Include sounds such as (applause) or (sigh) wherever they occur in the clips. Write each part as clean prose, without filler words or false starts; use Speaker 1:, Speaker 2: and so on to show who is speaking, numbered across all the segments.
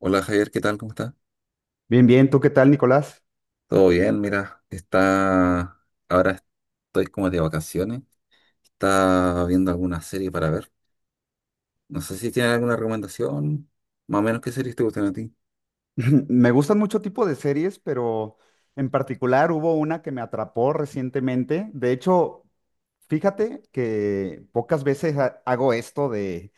Speaker 1: Hola Javier, ¿qué tal? ¿Cómo estás?
Speaker 2: Bien, bien, ¿tú qué tal, Nicolás?
Speaker 1: Todo bien, mira, está... ahora estoy como de vacaciones. Está viendo alguna serie para ver. No sé si tienes alguna recomendación, más o menos qué series te gustan a ti.
Speaker 2: (laughs) Me gustan mucho tipo de series, pero en particular hubo una que me atrapó recientemente. De hecho, fíjate que pocas veces hago esto de,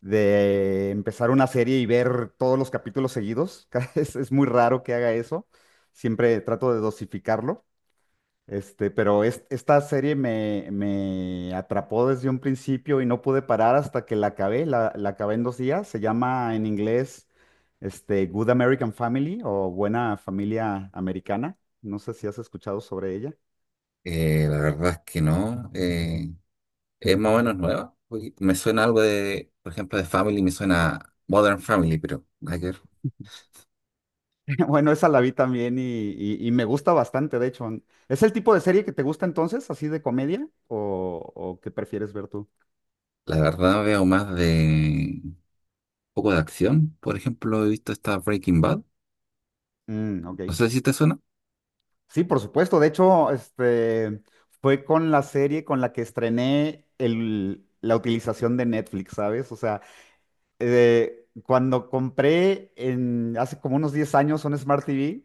Speaker 2: empezar una serie y ver todos los capítulos seguidos. (laughs) Es muy raro que haga eso. Siempre trato de dosificarlo. Pero esta serie me atrapó desde un principio y no pude parar hasta que la acabé. La acabé en dos días. Se llama en inglés, Good American Family o Buena Familia Americana. No sé si has escuchado sobre ella.
Speaker 1: La verdad es que no. Es más o menos nueva. Porque me suena algo de, por ejemplo, de Family, me suena Modern Family, pero nada que ver.
Speaker 2: (laughs) Bueno, esa la vi también y me gusta bastante, de hecho. ¿Es el tipo de serie que te gusta entonces, así de comedia? O qué prefieres ver tú?
Speaker 1: La verdad veo más de un poco de acción. Por ejemplo, he visto esta Breaking Bad.
Speaker 2: Mm, ok.
Speaker 1: No sé si te suena.
Speaker 2: Sí, por supuesto. De hecho, fue con la serie con la que estrené la utilización de Netflix, ¿sabes? O sea, cuando compré en, hace como unos 10 años un Smart TV,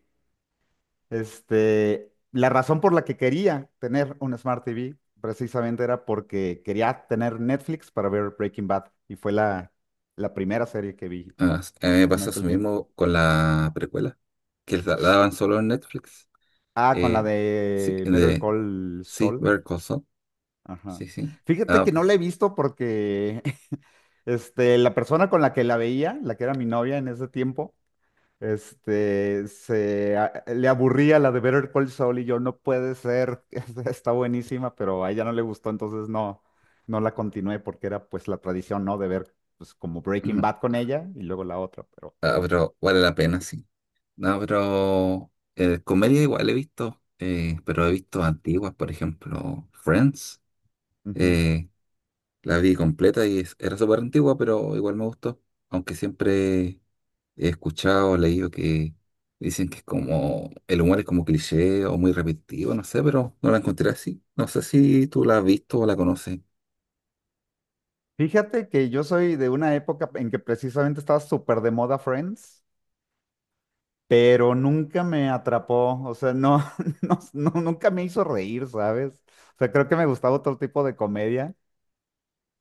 Speaker 2: la razón por la que quería tener un Smart TV precisamente era porque quería tener Netflix para ver Breaking Bad y fue la primera serie que vi
Speaker 1: Ah, a mí me
Speaker 2: en
Speaker 1: pasó eso
Speaker 2: aquel tiempo.
Speaker 1: mismo con la precuela, que la daban solo en Netflix.
Speaker 2: Ah, con la
Speaker 1: Eh, sí,
Speaker 2: de Better
Speaker 1: de,
Speaker 2: Call
Speaker 1: sí,
Speaker 2: Saul.
Speaker 1: Better Call Saul.
Speaker 2: Ajá.
Speaker 1: Sí, sí.
Speaker 2: Fíjate
Speaker 1: Ah,
Speaker 2: que no la he visto porque (laughs) la persona con la que la veía, la que era mi novia en ese tiempo, le aburría la de Better Call Saul y yo, no puede ser, (laughs) está buenísima, pero a ella no le gustó, entonces no, no la continué porque era pues la tradición, ¿no? De ver pues como Breaking
Speaker 1: ujú.
Speaker 2: Bad con ella y luego la otra, pero...
Speaker 1: Ah, pero vale la pena, sí. No, pero comedia igual he visto, pero he visto antiguas, por ejemplo, Friends.
Speaker 2: Ujú.
Speaker 1: eh, la vi completa y era súper antigua, pero igual me gustó, aunque siempre he escuchado, leído que dicen que es como, el humor es como cliché o muy repetitivo, no sé, pero no la encontré así. No sé si tú la has visto o la conoces.
Speaker 2: Fíjate que yo soy de una época en que precisamente estaba súper de moda Friends, pero nunca me atrapó, o sea, no, (laughs) no, no, nunca me hizo reír, ¿sabes? O sea, creo que me gustaba otro tipo de comedia,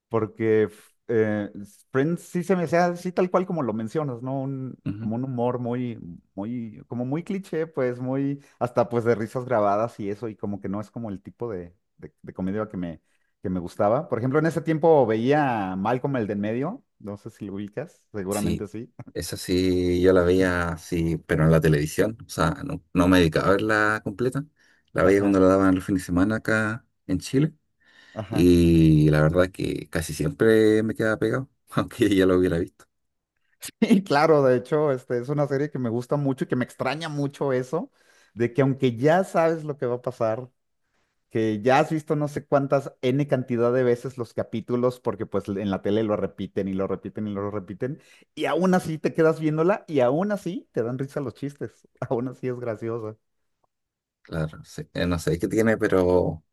Speaker 2: porque Friends sí se me hacía así tal cual como lo mencionas, ¿no?
Speaker 1: Ujú.
Speaker 2: Como un humor muy, muy, como muy cliché, pues muy, hasta pues de risas grabadas y eso, y como que no es como el tipo de comedia que que me gustaba. Por ejemplo, en ese tiempo veía Malcolm el de en medio, no sé si lo ubicas, seguramente
Speaker 1: Sí,
Speaker 2: sí.
Speaker 1: esa sí yo la veía así, pero en la televisión, o sea, no, no me dedicaba a verla completa. La
Speaker 2: (laughs)
Speaker 1: veía cuando
Speaker 2: Ajá,
Speaker 1: la daban los fines de semana acá en Chile
Speaker 2: ajá.
Speaker 1: y la verdad que casi siempre me quedaba pegado, (laughs) aunque ya lo hubiera visto.
Speaker 2: (laughs) Y claro, de hecho, es una serie que me gusta mucho y que me extraña mucho eso, de que aunque ya sabes lo que va a pasar, que ya has visto no sé cuántas N cantidad de veces los capítulos, porque pues en la tele lo repiten y lo repiten y lo repiten, y aún así te quedas viéndola y aún así te dan risa los chistes, (laughs) aún así es graciosa.
Speaker 1: Claro, sí. No sé qué tiene, pero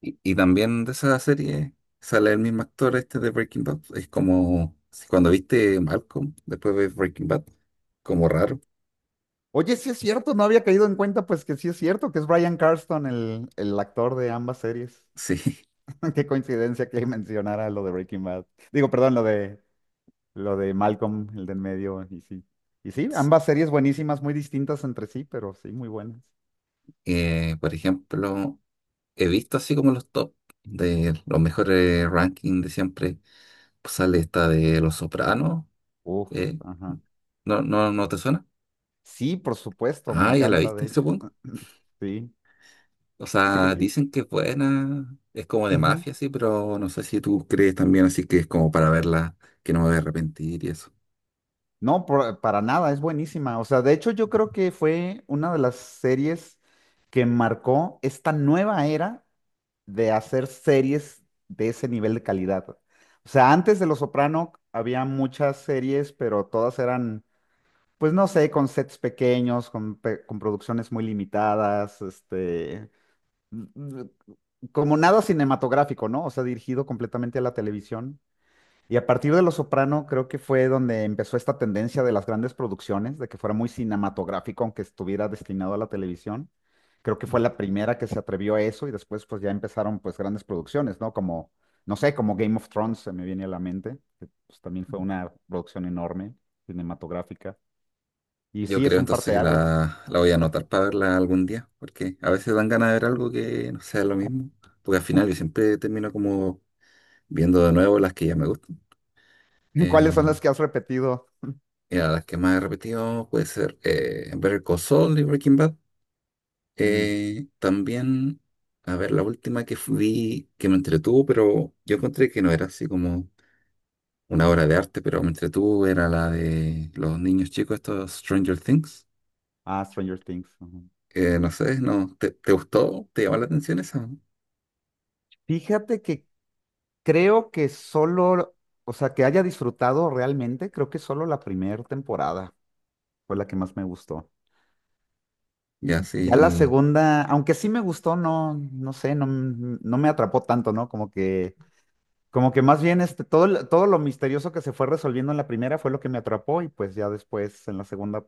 Speaker 1: y también de esa serie sale el mismo actor este de Breaking Bad. Es como si cuando viste Malcolm, después ves Breaking Bad, como raro.
Speaker 2: Oye, sí es cierto, no había caído en cuenta pues que sí es cierto, que es Bryan Cranston el actor de ambas series.
Speaker 1: Sí.
Speaker 2: (laughs) Qué coincidencia que mencionara lo de Breaking Bad. Digo, perdón, lo de Malcolm, el del medio, y sí. Y sí, ambas
Speaker 1: (laughs)
Speaker 2: series buenísimas, muy distintas entre sí, pero sí, muy buenas.
Speaker 1: Por ejemplo, he visto así como los top de los mejores rankings de siempre. Pues sale esta de Los Sopranos.
Speaker 2: Uf,
Speaker 1: eh,
Speaker 2: ajá.
Speaker 1: no te suena?
Speaker 2: Sí, por supuesto, me
Speaker 1: Ah, ya la
Speaker 2: encanta,
Speaker 1: viste,
Speaker 2: de hecho.
Speaker 1: supongo.
Speaker 2: (clears throat) Sí,
Speaker 1: O
Speaker 2: sí,
Speaker 1: sea,
Speaker 2: sí.
Speaker 1: dicen que es buena, es como de
Speaker 2: Ujú.
Speaker 1: mafia, sí, pero no sé si tú crees también así que es como para verla, que no me voy a arrepentir y eso.
Speaker 2: No, para nada, es buenísima. O sea, de hecho, yo creo que fue una de las series que marcó esta nueva era de hacer series de ese nivel de calidad. O sea, antes de Los Soprano había muchas series, pero todas eran, pues no sé, con sets pequeños, con producciones muy limitadas, mm, mm, como nada cinematográfico, ¿no? O sea, dirigido completamente a la televisión. Y a partir de Los Soprano creo que fue donde empezó esta tendencia de las grandes producciones, de que fuera muy cinematográfico, aunque estuviera destinado a la televisión. Creo que fue la primera que se atrevió a eso y después pues ya empezaron pues grandes producciones, ¿no? Como, no sé, como Game of Thrones se me viene a la mente, que pues también fue una producción enorme, cinematográfica. Y
Speaker 1: Yo
Speaker 2: sí, es
Speaker 1: creo
Speaker 2: un
Speaker 1: entonces que
Speaker 2: parteaguas.
Speaker 1: la voy a anotar para verla algún día, porque a veces dan ganas de ver algo que no sea lo mismo, porque al final yo siempre termino como viendo de nuevo las que ya me gustan.
Speaker 2: (laughs) ¿Cuáles
Speaker 1: Eh,
Speaker 2: son las que has repetido?
Speaker 1: Mira, las que más he repetido puede ser Better Call Saul y Breaking Bad.
Speaker 2: Mm,
Speaker 1: También, a ver, la última que vi que me entretuvo, pero yo encontré que no era así como una obra de arte, pero me entretuvo, era la de los niños chicos, estos Stranger Things.
Speaker 2: ah, Stranger Things. Ujú.
Speaker 1: No sé, no, ¿te, te gustó? ¿Te llamó la atención esa?
Speaker 2: Fíjate que creo que solo, o sea, que haya disfrutado realmente, creo que solo la primera temporada fue la que más me gustó.
Speaker 1: Ya,
Speaker 2: Ya la
Speaker 1: sí,
Speaker 2: segunda, aunque sí me gustó, no, no sé, no me atrapó tanto, ¿no? Como que, como que más bien todo lo misterioso que se fue resolviendo en la primera fue lo que me atrapó y pues ya después en la segunda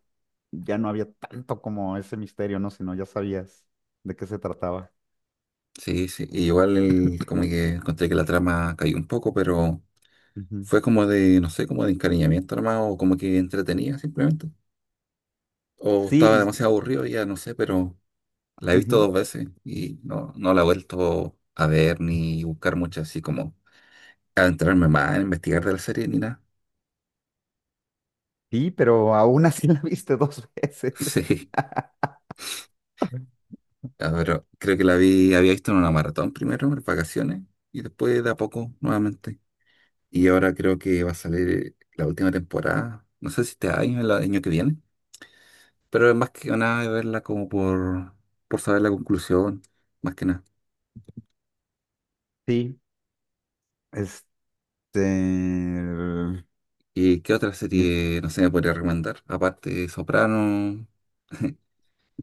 Speaker 2: ya no había tanto como ese misterio, ¿no? Sino ya sabías de qué se trataba.
Speaker 1: sí, sí. Y igual como que encontré que la trama cayó un poco, pero
Speaker 2: Ujú.
Speaker 1: fue como de, no sé, como de encariñamiento nomás, o como que entretenía simplemente. O estaba
Speaker 2: Sí,
Speaker 1: demasiado aburrido, ya no sé, pero la he visto
Speaker 2: ujú.
Speaker 1: dos veces y no, no la he vuelto a ver ni buscar mucho así como adentrarme más en investigar de la serie ni nada.
Speaker 2: Sí, pero aún así (laughs) la viste dos veces.
Speaker 1: (laughs) Sí, ya, pero creo que la vi, había visto en una maratón primero, en vacaciones, y después de a poco nuevamente. Y ahora creo que va a salir la última temporada. No sé si este año o el año que viene. Pero es más que nada de verla como por saber la conclusión. Más que nada.
Speaker 2: Sí, este...
Speaker 1: ¿Y qué otra
Speaker 2: mis-
Speaker 1: serie, no sé, me podría recomendar? Aparte de Soprano. (laughs)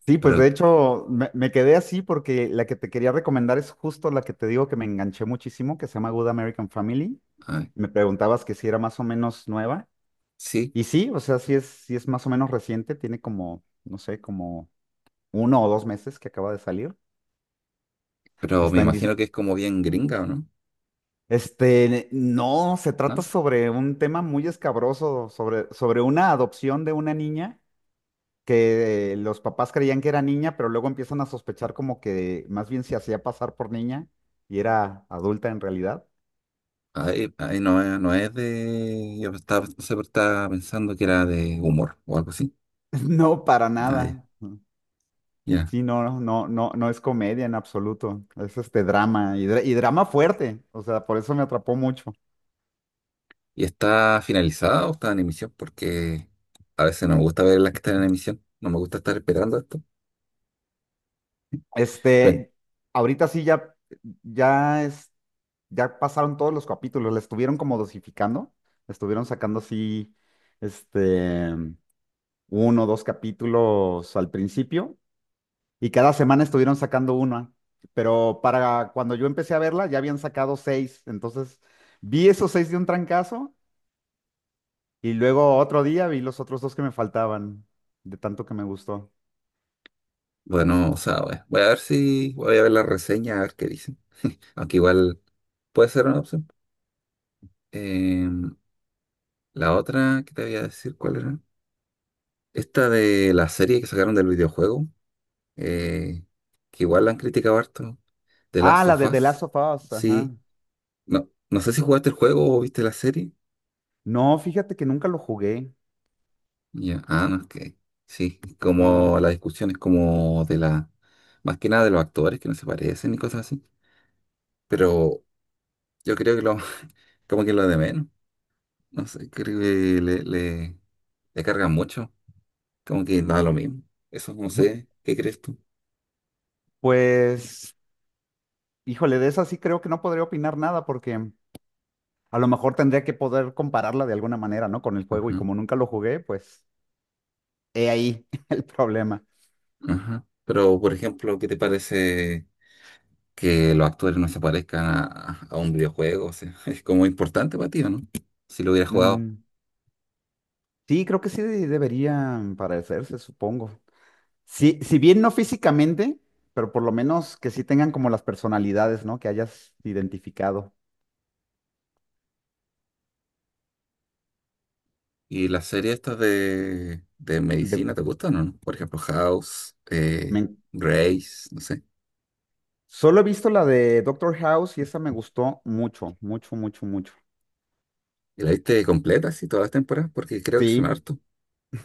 Speaker 2: Sí, pues
Speaker 1: Pero,
Speaker 2: de hecho me quedé así porque la que te quería recomendar es justo la que te digo que me enganché muchísimo, que se llama Good American Family.
Speaker 1: ay,
Speaker 2: Me preguntabas que si era más o menos nueva.
Speaker 1: sí.
Speaker 2: Y sí, o sea, sí es más o menos reciente, tiene como, no sé, como uno o dos meses que acaba de salir.
Speaker 1: Pero me
Speaker 2: Está en
Speaker 1: imagino
Speaker 2: Disney.
Speaker 1: que es como bien gringa, ¿o no?
Speaker 2: No, se trata
Speaker 1: ¿No?
Speaker 2: sobre un tema muy escabroso, sobre, sobre una adopción de una niña que los papás creían que era niña, pero luego empiezan a sospechar como que más bien se hacía pasar por niña y era adulta en realidad.
Speaker 1: Ahí, ahí no, no es de... Yo estaba, no sé, pero estaba pensando que era de humor o algo así.
Speaker 2: (laughs) No, para
Speaker 1: Ay,
Speaker 2: nada.
Speaker 1: ya.
Speaker 2: Sí, no, no, no, no es comedia en absoluto. Es drama y drama fuerte. O sea, por eso me atrapó mucho.
Speaker 1: ¿Y está finalizada o está en emisión? Porque a veces no me gusta ver las que están en emisión. No me gusta estar esperando esto. Pero,
Speaker 2: Este, ahorita sí ya, ya es, ya pasaron todos los capítulos, le estuvieron como dosificando, le estuvieron sacando así, este, uno o dos capítulos al principio, y cada semana estuvieron sacando una, pero para cuando yo empecé a verla ya habían sacado seis, entonces vi esos seis de un trancazo, y luego otro día vi los otros dos que me faltaban, de tanto que me gustó.
Speaker 1: bueno, o sea, voy a ver si voy a ver la reseña, a ver qué dicen. Aunque igual puede ser una opción. Eh, la otra que te voy a decir, ¿cuál era? Esta de la serie que sacaron del videojuego, eh, que igual la han criticado harto. The
Speaker 2: Ah,
Speaker 1: Last
Speaker 2: la
Speaker 1: of
Speaker 2: de The
Speaker 1: Us.
Speaker 2: Last of Us, ajá.
Speaker 1: Sí. No, no sé si jugaste el juego o viste la serie.
Speaker 2: No, fíjate que nunca lo jugué.
Speaker 1: Ya, ah, no, es que sí,
Speaker 2: Ajá.
Speaker 1: como la discusión es como de la, más que nada de los actores que no se parecen y cosas así, pero yo creo que lo, (laughs) como que lo de menos, no sé, creo que le cargan mucho, como que da lo mismo, eso no sé, ¿qué crees tú?
Speaker 2: Pues, híjole, de esa sí creo que no podría opinar nada porque a lo mejor tendría que poder compararla de alguna manera, ¿no? Con el juego
Speaker 1: Ajá,
Speaker 2: y como nunca lo jugué, pues he ahí (laughs) el problema.
Speaker 1: ajá. Pero, por ejemplo, ¿qué te parece que los actores no se parezcan a un videojuego? O sea, (laughs) es como importante para ti, ¿o no? Si lo hubieras jugado.
Speaker 2: Mm, sí, creo que sí deberían parecerse, supongo. Sí, si bien no físicamente, pero por lo menos que sí tengan como las personalidades, ¿no? Que hayas identificado.
Speaker 1: ¿Y las series estas de
Speaker 2: De-
Speaker 1: medicina te gustan o no? Por ejemplo, House,
Speaker 2: me-
Speaker 1: Grace, no sé.
Speaker 2: Solo he visto la de Doctor House y esa me gustó mucho, mucho, mucho, mucho.
Speaker 1: ¿Y la viste completa así todas las temporadas? Porque creo que son
Speaker 2: Sí.
Speaker 1: harto.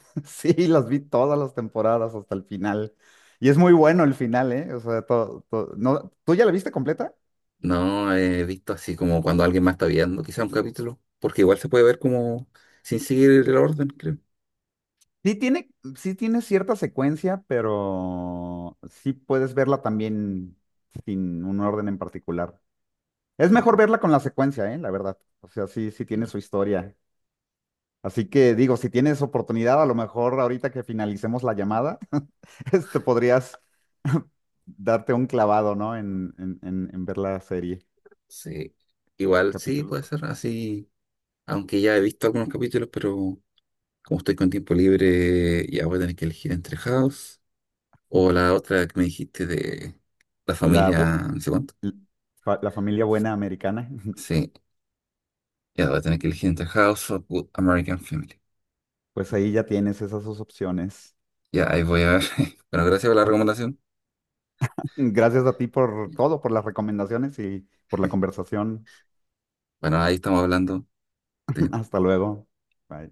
Speaker 2: (laughs) Sí, las vi todas las temporadas hasta el final. Y es muy bueno el final, ¿eh? O sea, todo, no, ¿tú ya la viste completa?
Speaker 1: No he visto así como cuando alguien más está viendo quizá un capítulo, porque igual se puede ver como sin seguir el orden, creo.
Speaker 2: Sí tiene, sí tiene cierta secuencia, pero sí puedes verla también sin un orden en particular. Es mejor
Speaker 1: Ujú.
Speaker 2: verla con la secuencia, ¿eh? La verdad. O sea, sí, sí tiene su historia. Así que digo, si tienes oportunidad, a lo mejor ahorita que finalicemos la llamada, (laughs) podrías (laughs) darte un clavado, ¿no? En ver la serie,
Speaker 1: Sí, igual sí
Speaker 2: capítulo
Speaker 1: puede
Speaker 2: tras.
Speaker 1: ser así, aunque ya he visto algunos capítulos, pero como estoy con tiempo libre, ya voy a tener que elegir entre House o la otra que me dijiste de la
Speaker 2: La, bo-
Speaker 1: familia, no sé cuánto.
Speaker 2: l- fa- La familia buena americana,
Speaker 1: Sí, ya voy a tener que elegir entre House of Good American Family.
Speaker 2: (laughs) pues ahí ya tienes esas dos opciones.
Speaker 1: Ya, ahí voy a ver. (laughs) Bueno, gracias por la
Speaker 2: (laughs)
Speaker 1: recomendación.
Speaker 2: Gracias a ti por todo, por las recomendaciones y por la conversación.
Speaker 1: Bueno, ahí estamos hablando.
Speaker 2: (laughs) Hasta luego. Bye.